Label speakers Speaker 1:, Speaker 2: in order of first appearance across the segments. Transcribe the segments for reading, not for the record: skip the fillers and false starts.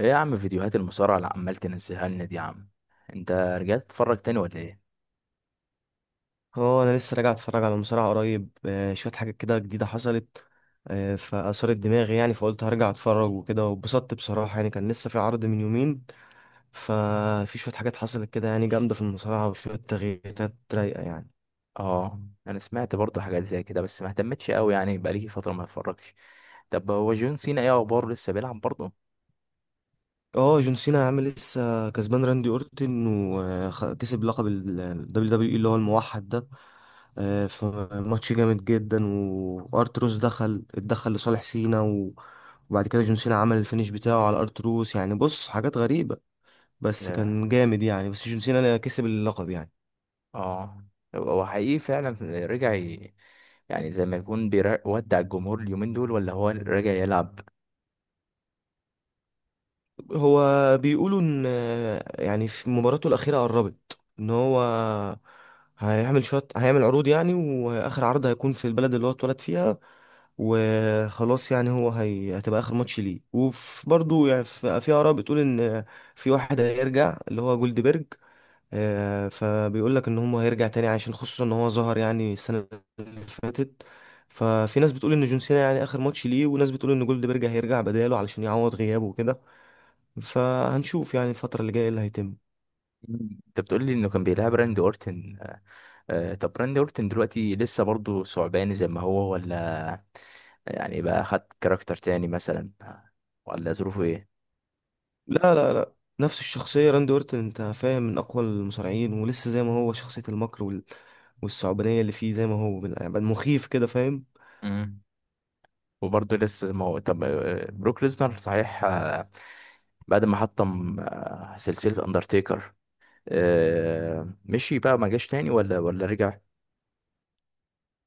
Speaker 1: ايه يا عم فيديوهات المصارعة اللي عمال تنزلها لنا دي يا عم، انت رجعت تتفرج تاني ولا ايه؟
Speaker 2: هو انا لسه راجع اتفرج على مصارعة قريب، شوية حاجات كده جديدة حصلت. فأثارت دماغي يعني، فقلت هرجع اتفرج وكده، واتبسطت بصراحة يعني. كان لسه في عرض من يومين، ففي شوية حاجات حصلت كده يعني جامدة في المصارعة، وشوية تغييرات رايقة يعني.
Speaker 1: اه، انا سمعت برضه حاجات زي كده بس ما اهتمتش قوي يعني، بقالي فترة ما اتفرجتش. طب هو جون سينا ايه اخباره، لسه بيلعب برضه؟
Speaker 2: اه، جون سينا عامل لسه كسبان راندي اورتن، وكسب لقب ال WWE اللي هو الموحد ده. في ماتش جامد جدا، وارتروس دخل اتدخل لصالح سينا وبعد كده جون سينا عمل الفينش بتاعه على ارتروس، يعني بص حاجات غريبة بس
Speaker 1: ياه.
Speaker 2: كان جامد يعني، بس جون سينا كسب اللقب يعني.
Speaker 1: اه. هو حقيقي فعلا رجع يعني زي ما يكون بيودع الجمهور اليومين دول ولا هو راجع يلعب؟
Speaker 2: هو بيقولوا ان، يعني في مباراته الاخيره قربت، ان هو هيعمل شويه، هيعمل عروض يعني، واخر عرض هيكون في البلد اللي هو اتولد فيها، وخلاص يعني. هتبقى اخر ماتش ليه، وفي برضه يعني، في اراء بتقول ان في واحد هيرجع اللي هو جولدبرج. فبيقول لك ان هو هيرجع تاني، عشان خصوصا ان هو ظهر يعني السنه اللي فاتت. ففي ناس بتقول ان جون سينا يعني اخر ماتش ليه، وناس بتقول ان جولدبرج هيرجع بداله علشان يعوض غيابه وكده. فهنشوف يعني الفترة اللي جاية إيه اللي هيتم.
Speaker 1: انت بتقول لي انه كان بيلعب راندي اورتن. طب راندي اورتن دلوقتي لسه برضو ثعباني زي ما هو ولا يعني بقى خد كاركتر تاني مثلا، ولا ظروفه ايه؟
Speaker 2: لا لا لا، نفس الشخصية. راندي أورتون أنت فاهم، من أقوى المصارعين، ولسه زي ما هو شخصية المكر والثعبانية اللي فيه، زي ما هو يعني، مخيف كده فاهم.
Speaker 1: مم. وبرضه لسه زي ما هو. طب بروك ليزنر، صحيح، بعد ما حطم سلسلة اندرتيكر، مشي بقى ما جاش تاني ولا رجع؟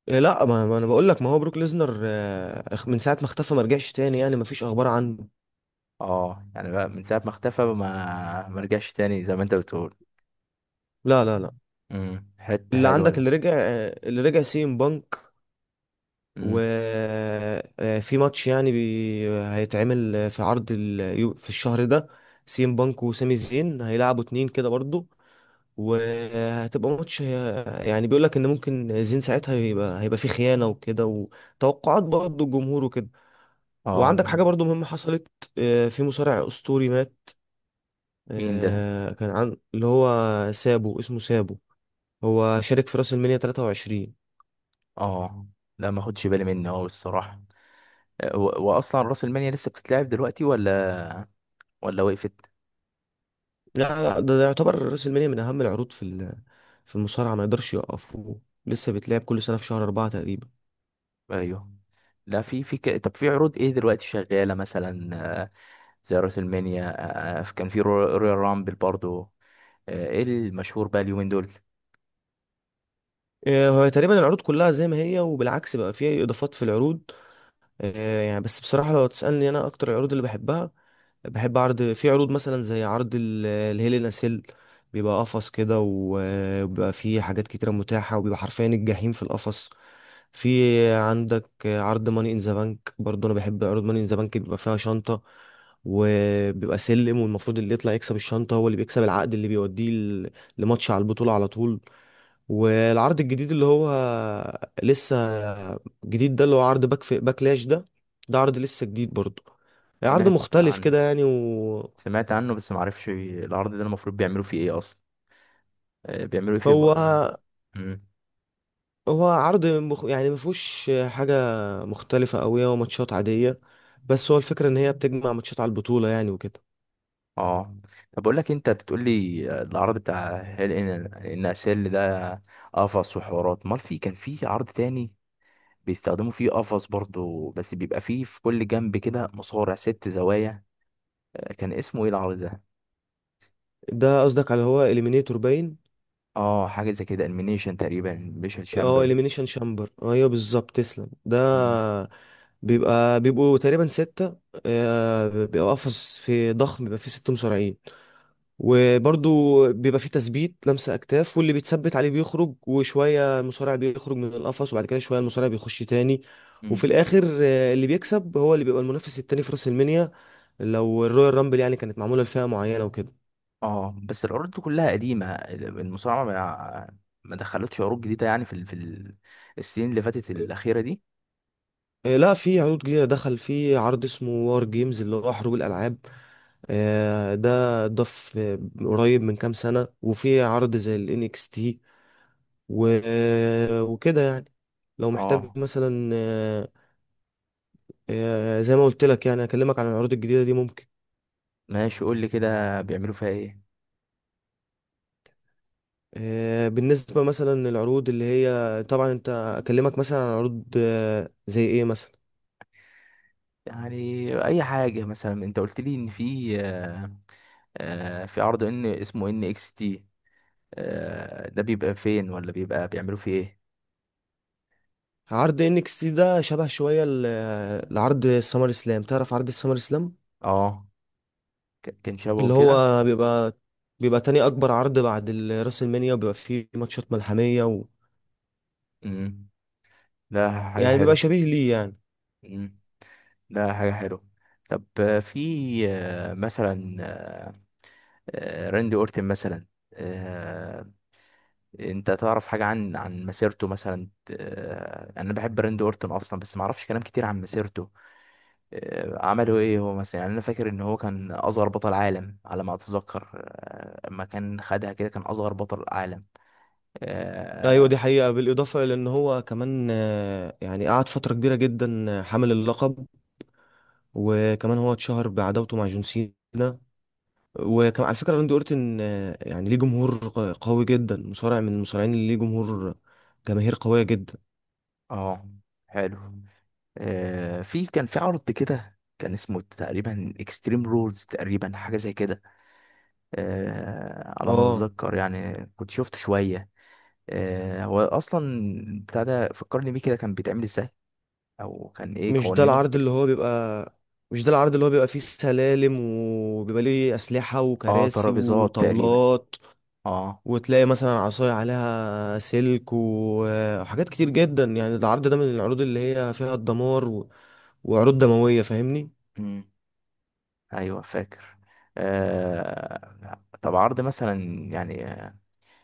Speaker 2: إيه، لا، ما أنا بقول لك، ما هو بروك ليزنر من ساعة ما اختفى ما رجعش تاني يعني، ما فيش أخبار عنه.
Speaker 1: اه، يعني بقى من ساعة ما اختفى ما رجعش تاني زي ما انت بتقول.
Speaker 2: لا لا لا،
Speaker 1: امم، حتة
Speaker 2: اللي
Speaker 1: حلوة
Speaker 2: عندك
Speaker 1: ده.
Speaker 2: اللي رجع، اللي رجع سي ام بانك.
Speaker 1: امم.
Speaker 2: وفي ماتش يعني هيتعمل في عرض في الشهر ده، سي ام بانك وسامي زين هيلعبوا اتنين كده برضو. وهتبقى ماتش يعني، بيقول لك ان ممكن زين ساعتها هيبقى فيه خيانه وكده، وتوقعات برضه الجمهور وكده.
Speaker 1: اه،
Speaker 2: وعندك حاجه برضه مهمه حصلت، في مصارع اسطوري مات.
Speaker 1: مين ده؟
Speaker 2: كان عن اللي هو سابو، اسمه سابو. هو شارك في راس المنيا 23.
Speaker 1: اه، لا ما خدش بالي منه هو الصراحة. واصلا راس المال لسه بتتلعب دلوقتي ولا ولا وقفت؟
Speaker 2: لا، ده يعتبر راس المنيا من اهم العروض في في المصارعه، ما يقدرش يوقفوه. لسه بيتلعب كل سنه في شهر أربعة تقريبا.
Speaker 1: ايوه. لا، في طب في عروض ايه دلوقتي شغاله مثلا؟ آه، زي راس المانيا، كان في رويال رامبل برضو، ايه المشهور بقى اليومين دول؟
Speaker 2: هو تقريبا العروض كلها زي ما هي، وبالعكس بقى فيها اضافات في العروض. يعني بس بصراحة لو تسألني، أنا أكتر العروض اللي بحبها، بحب عرض، في عروض مثلا زي عرض الهيلين أسيل، بيبقى قفص كده وبيبقى فيه حاجات كتيرة متاحة، وبيبقى حرفيا الجحيم في القفص. في عندك عرض ماني إن ذا بانك برضه، أنا بحب عروض ماني إن ذا بانك، بيبقى فيها شنطة وبيبقى سلم، والمفروض اللي يطلع يكسب الشنطة هو اللي بيكسب العقد اللي بيوديه لماتش على البطولة على طول. والعرض الجديد اللي هو لسه جديد ده، اللي هو عرض باك في باكلاش ده، ده عرض لسه جديد برضه، عرض
Speaker 1: سمعت
Speaker 2: مختلف
Speaker 1: عن
Speaker 2: كده يعني. وهو
Speaker 1: سمعت عنه بس ما اعرفش العرض ده المفروض بيعملوا فيه ايه اصلا. بيعملوا ايه فيه
Speaker 2: هو
Speaker 1: مم.
Speaker 2: هو عرض يعني مفهوش حاجة مختلفة أوي، هو ماتشات عادية، بس هو الفكرة إن هي بتجمع ماتشات على البطولة يعني وكده.
Speaker 1: اه، طب بقول لك إيه، انت بتقول لي، العرض بتاع هيل ان ان اسيل ده قفص وحوارات، امال في كان في عرض تاني بيستخدموا فيه قفص برضو بس بيبقى فيه في كل جنب كده مصارع، ست زوايا، كان اسمه ايه العرض ده؟
Speaker 2: ده قصدك على، هو إليمينيتور باين.
Speaker 1: اه، حاجه زي كده، المينيشن تقريبا، الميشن
Speaker 2: اه،
Speaker 1: شامبر.
Speaker 2: إليمينيشن شامبر أيوه بالظبط، تسلم ده.
Speaker 1: مم.
Speaker 2: بيبقى، بيبقوا تقريبا ستة. بيبقى قفص في ضخم، بيبقى فيه ست مصارعين. وبرضو بيبقى فيه تثبيت لمسة أكتاف، واللي بيتثبت عليه بيخرج وشوية المصارع بيخرج من القفص، وبعد كده شوية المصارع بيخش تاني. وفي
Speaker 1: مم.
Speaker 2: الآخر، اللي بيكسب هو اللي بيبقى المنافس التاني في راس المنيا، لو الرويال رامبل يعني كانت معمولة لفئة معينة وكده.
Speaker 1: اه بس العروض دي كلها قديمه، المصارعه ما دخلتش عروض جديده يعني في السنين اللي فاتت الاخيره دي.
Speaker 2: لا، في عروض جديدة دخل، في عرض اسمه وار جيمز، اللي هو حروب الألعاب. ده اتضاف قريب من كام سنة، وفي عرض زي ال NXT و... آه، وكده يعني. لو محتاج
Speaker 1: اه
Speaker 2: مثلا، زي ما قلت لك يعني، اكلمك عن العروض الجديده دي ممكن.
Speaker 1: ماشي، قول لي كده بيعملوا فيها ايه
Speaker 2: بالنسبه مثلا للعروض اللي هي، طبعا انت، اكلمك مثلا عن عروض زي ايه مثلا.
Speaker 1: يعني. اي حاجه مثلا، انت قلت لي ان في في عرض ان اسمه ان اكس تي، ده بيبقى فين ولا بيبقى بيعملوا فيه ايه؟
Speaker 2: عرض انكس تي ده شبه شويه لعرض السمر اسلام، تعرف عرض السمر اسلام،
Speaker 1: اه، كان شبهه
Speaker 2: اللي
Speaker 1: كده.
Speaker 2: هو بيبقى تاني اكبر عرض بعد راس المنيا، وبيبقى فيه ماتشات ملحميه و...
Speaker 1: امم، ده حاجة
Speaker 2: يعني بيبقى
Speaker 1: حلوة.
Speaker 2: شبيه ليه يعني.
Speaker 1: امم، ده حاجة حلوة. طب في مثلا، راندي اورتن مثلا، آه، انت تعرف حاجة عن مسيرته مثلا؟ انا بحب راندي اورتن اصلا بس ما اعرفش كلام كتير عن مسيرته. عمله ايه هو مثلا؟ يعني انا فاكر ان هو كان اصغر بطل عالم على ما اتذكر، اما كان خدها كده كان اصغر بطل عالم.
Speaker 2: ايوه
Speaker 1: آه،
Speaker 2: دي حقيقه، بالاضافه الى ان هو كمان، يعني قعد فتره كبيره جدا حامل اللقب. وكمان هو اتشهر بعداوته مع جون سينا. وكان على فكرة راندي أورتن، يعني ليه جمهور قوي جدا، مصارع من المصارعين اللي ليه جمهور، جماهير قوية جدا.
Speaker 1: اه، حلو. في كان في عرض كده كان اسمه تقريبا اكستريم رولز تقريبا، حاجه زي كده على ما
Speaker 2: اه،
Speaker 1: اتذكر يعني، كنت شفت شويه. هو اصلا بتاع ده فكرني بيه، كده كان بيتعمل ازاي او كان ايه
Speaker 2: مش ده
Speaker 1: قوانينه؟
Speaker 2: العرض اللي هو بيبقى، مش ده العرض اللي هو بيبقى فيه سلالم، وبيبقى ليه أسلحة
Speaker 1: اه،
Speaker 2: وكراسي
Speaker 1: ترابيزات تقريبا.
Speaker 2: وطاولات.
Speaker 1: اه.
Speaker 2: وتلاقي مثلا عصاية عليها سلك وحاجات كتير جدا يعني، ده العرض ده من العروض اللي هي فيها الدمار وعروض دموية فاهمني.
Speaker 1: امم، ايوه فاكر. طب عرض مثلا، يعني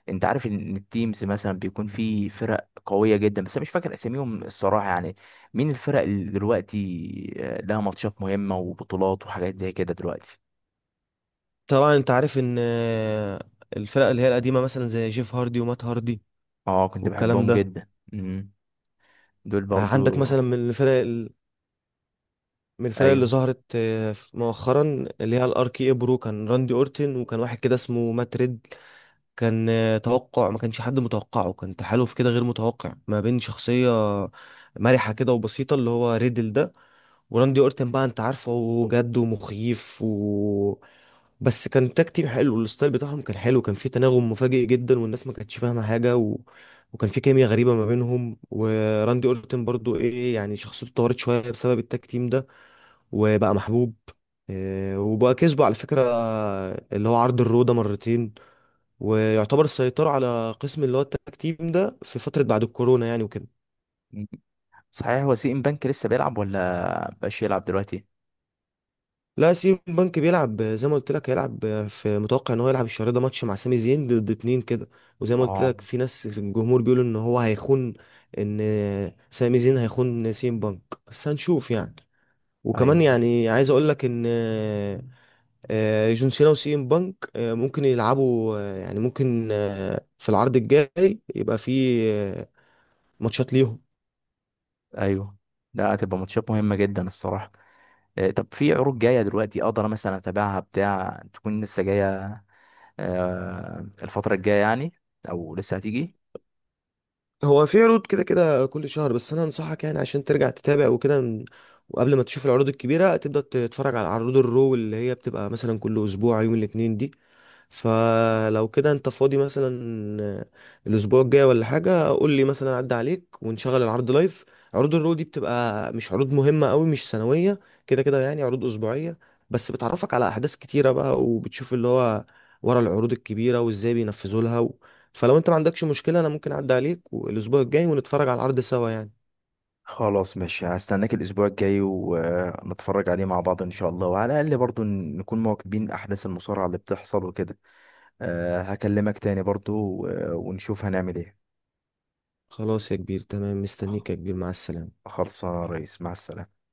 Speaker 1: انت عارف ان التيمز مثلا بيكون في فرق قويه جدا بس انا مش فاكر اساميهم الصراحه يعني، مين الفرق اللي دلوقتي لها ماتشات مهمه وبطولات وحاجات زي كده دلوقتي؟
Speaker 2: طبعا انت عارف ان الفرق اللي هي القديمة مثلا زي جيف هاردي ومات هاردي
Speaker 1: اه، كنت
Speaker 2: والكلام
Speaker 1: بحبهم
Speaker 2: ده.
Speaker 1: جدا. امم، دول
Speaker 2: عندك
Speaker 1: برضو.
Speaker 2: مثلا من الفرق من الفرق اللي
Speaker 1: ايوه.
Speaker 2: ظهرت مؤخرا، اللي هي الار كي إيه برو. كان راندي اورتن وكان واحد كده اسمه مات ريد، كان توقع ما كانش حد متوقعه، كان تحالف كده غير متوقع ما بين شخصية مرحة كده وبسيطة اللي هو ريدل ده، وراندي اورتن بقى انت عارفه، هو جد ومخيف. و بس كان تاك تيم حلو، الستايل بتاعهم كان حلو، كان في تناغم مفاجئ جدا، والناس ما كانتش فاهمه حاجه و... وكان في كيمياء غريبه ما بينهم. وراندي اورتن برضو ايه يعني، شخصيته اتطورت شويه بسبب التاك تيم ده، وبقى محبوب. إيه، وبقى كسبه على فكره، اللي هو عرض الرو ده مرتين، ويعتبر السيطرة على قسم اللي هو التاك تيم ده في فترة بعد الكورونا يعني وكده.
Speaker 1: مم. صحيح، هو سي ام بنك لسه بيلعب ولا مبقاش يلعب دلوقتي؟
Speaker 2: لا، سيم بنك بيلعب زي ما قلت لك. هيلعب في، متوقع ان هو يلعب الشهر ده ماتش مع سامي زين ضد اتنين كده. وزي ما قلت
Speaker 1: اه.
Speaker 2: لك، في ناس في الجمهور بيقولوا ان هو هيخون، ان سامي زين هيخون سيم بنك، بس هنشوف يعني. وكمان
Speaker 1: ايوه.
Speaker 2: يعني عايز اقول لك ان، جون سينا وسيم بانك ممكن يلعبوا، يعني ممكن في العرض الجاي يبقى في ماتشات ليهم.
Speaker 1: ايوه. لا، هتبقى ماتشات مهمه جدا الصراحه. طب في عروض جايه دلوقتي اقدر مثلا اتابعها، بتاع تكون لسه جايه، الفترة الجاية يعني، أو لسه هتيجي؟
Speaker 2: هو في عروض كده كده كل شهر، بس انا انصحك يعني عشان ترجع تتابع وكده، وقبل ما تشوف العروض الكبيره تبدا تتفرج على عروض الرو، اللي هي بتبقى مثلا كل اسبوع يوم الاثنين دي. فلو كده انت فاضي مثلا الاسبوع الجاي ولا حاجه، قول لي مثلا عدى عليك ونشغل العرض لايف. عروض الرو دي بتبقى مش عروض مهمه قوي، مش سنويه كده كده يعني، عروض اسبوعيه، بس بتعرفك على احداث كتيره بقى، وبتشوف اللي هو ورا العروض الكبيره وازاي بينفذوا لها و... فلو انت ما عندكش مشكله انا ممكن اعدي عليك الاسبوع الجاي ونتفرج على العرض سوا يعني.
Speaker 1: خلاص، مش هستناك الاسبوع الجاي ونتفرج عليه مع بعض ان شاء الله، وعلى الاقل برضو نكون مواكبين احداث المصارعة اللي بتحصل وكده. أه، هكلمك تاني برضو ونشوف هنعمل ايه.
Speaker 2: خلاص يا كبير، تمام، مستنيك يا كبير، مع السلامه.
Speaker 1: خلصانه يا ريس، مع السلامة.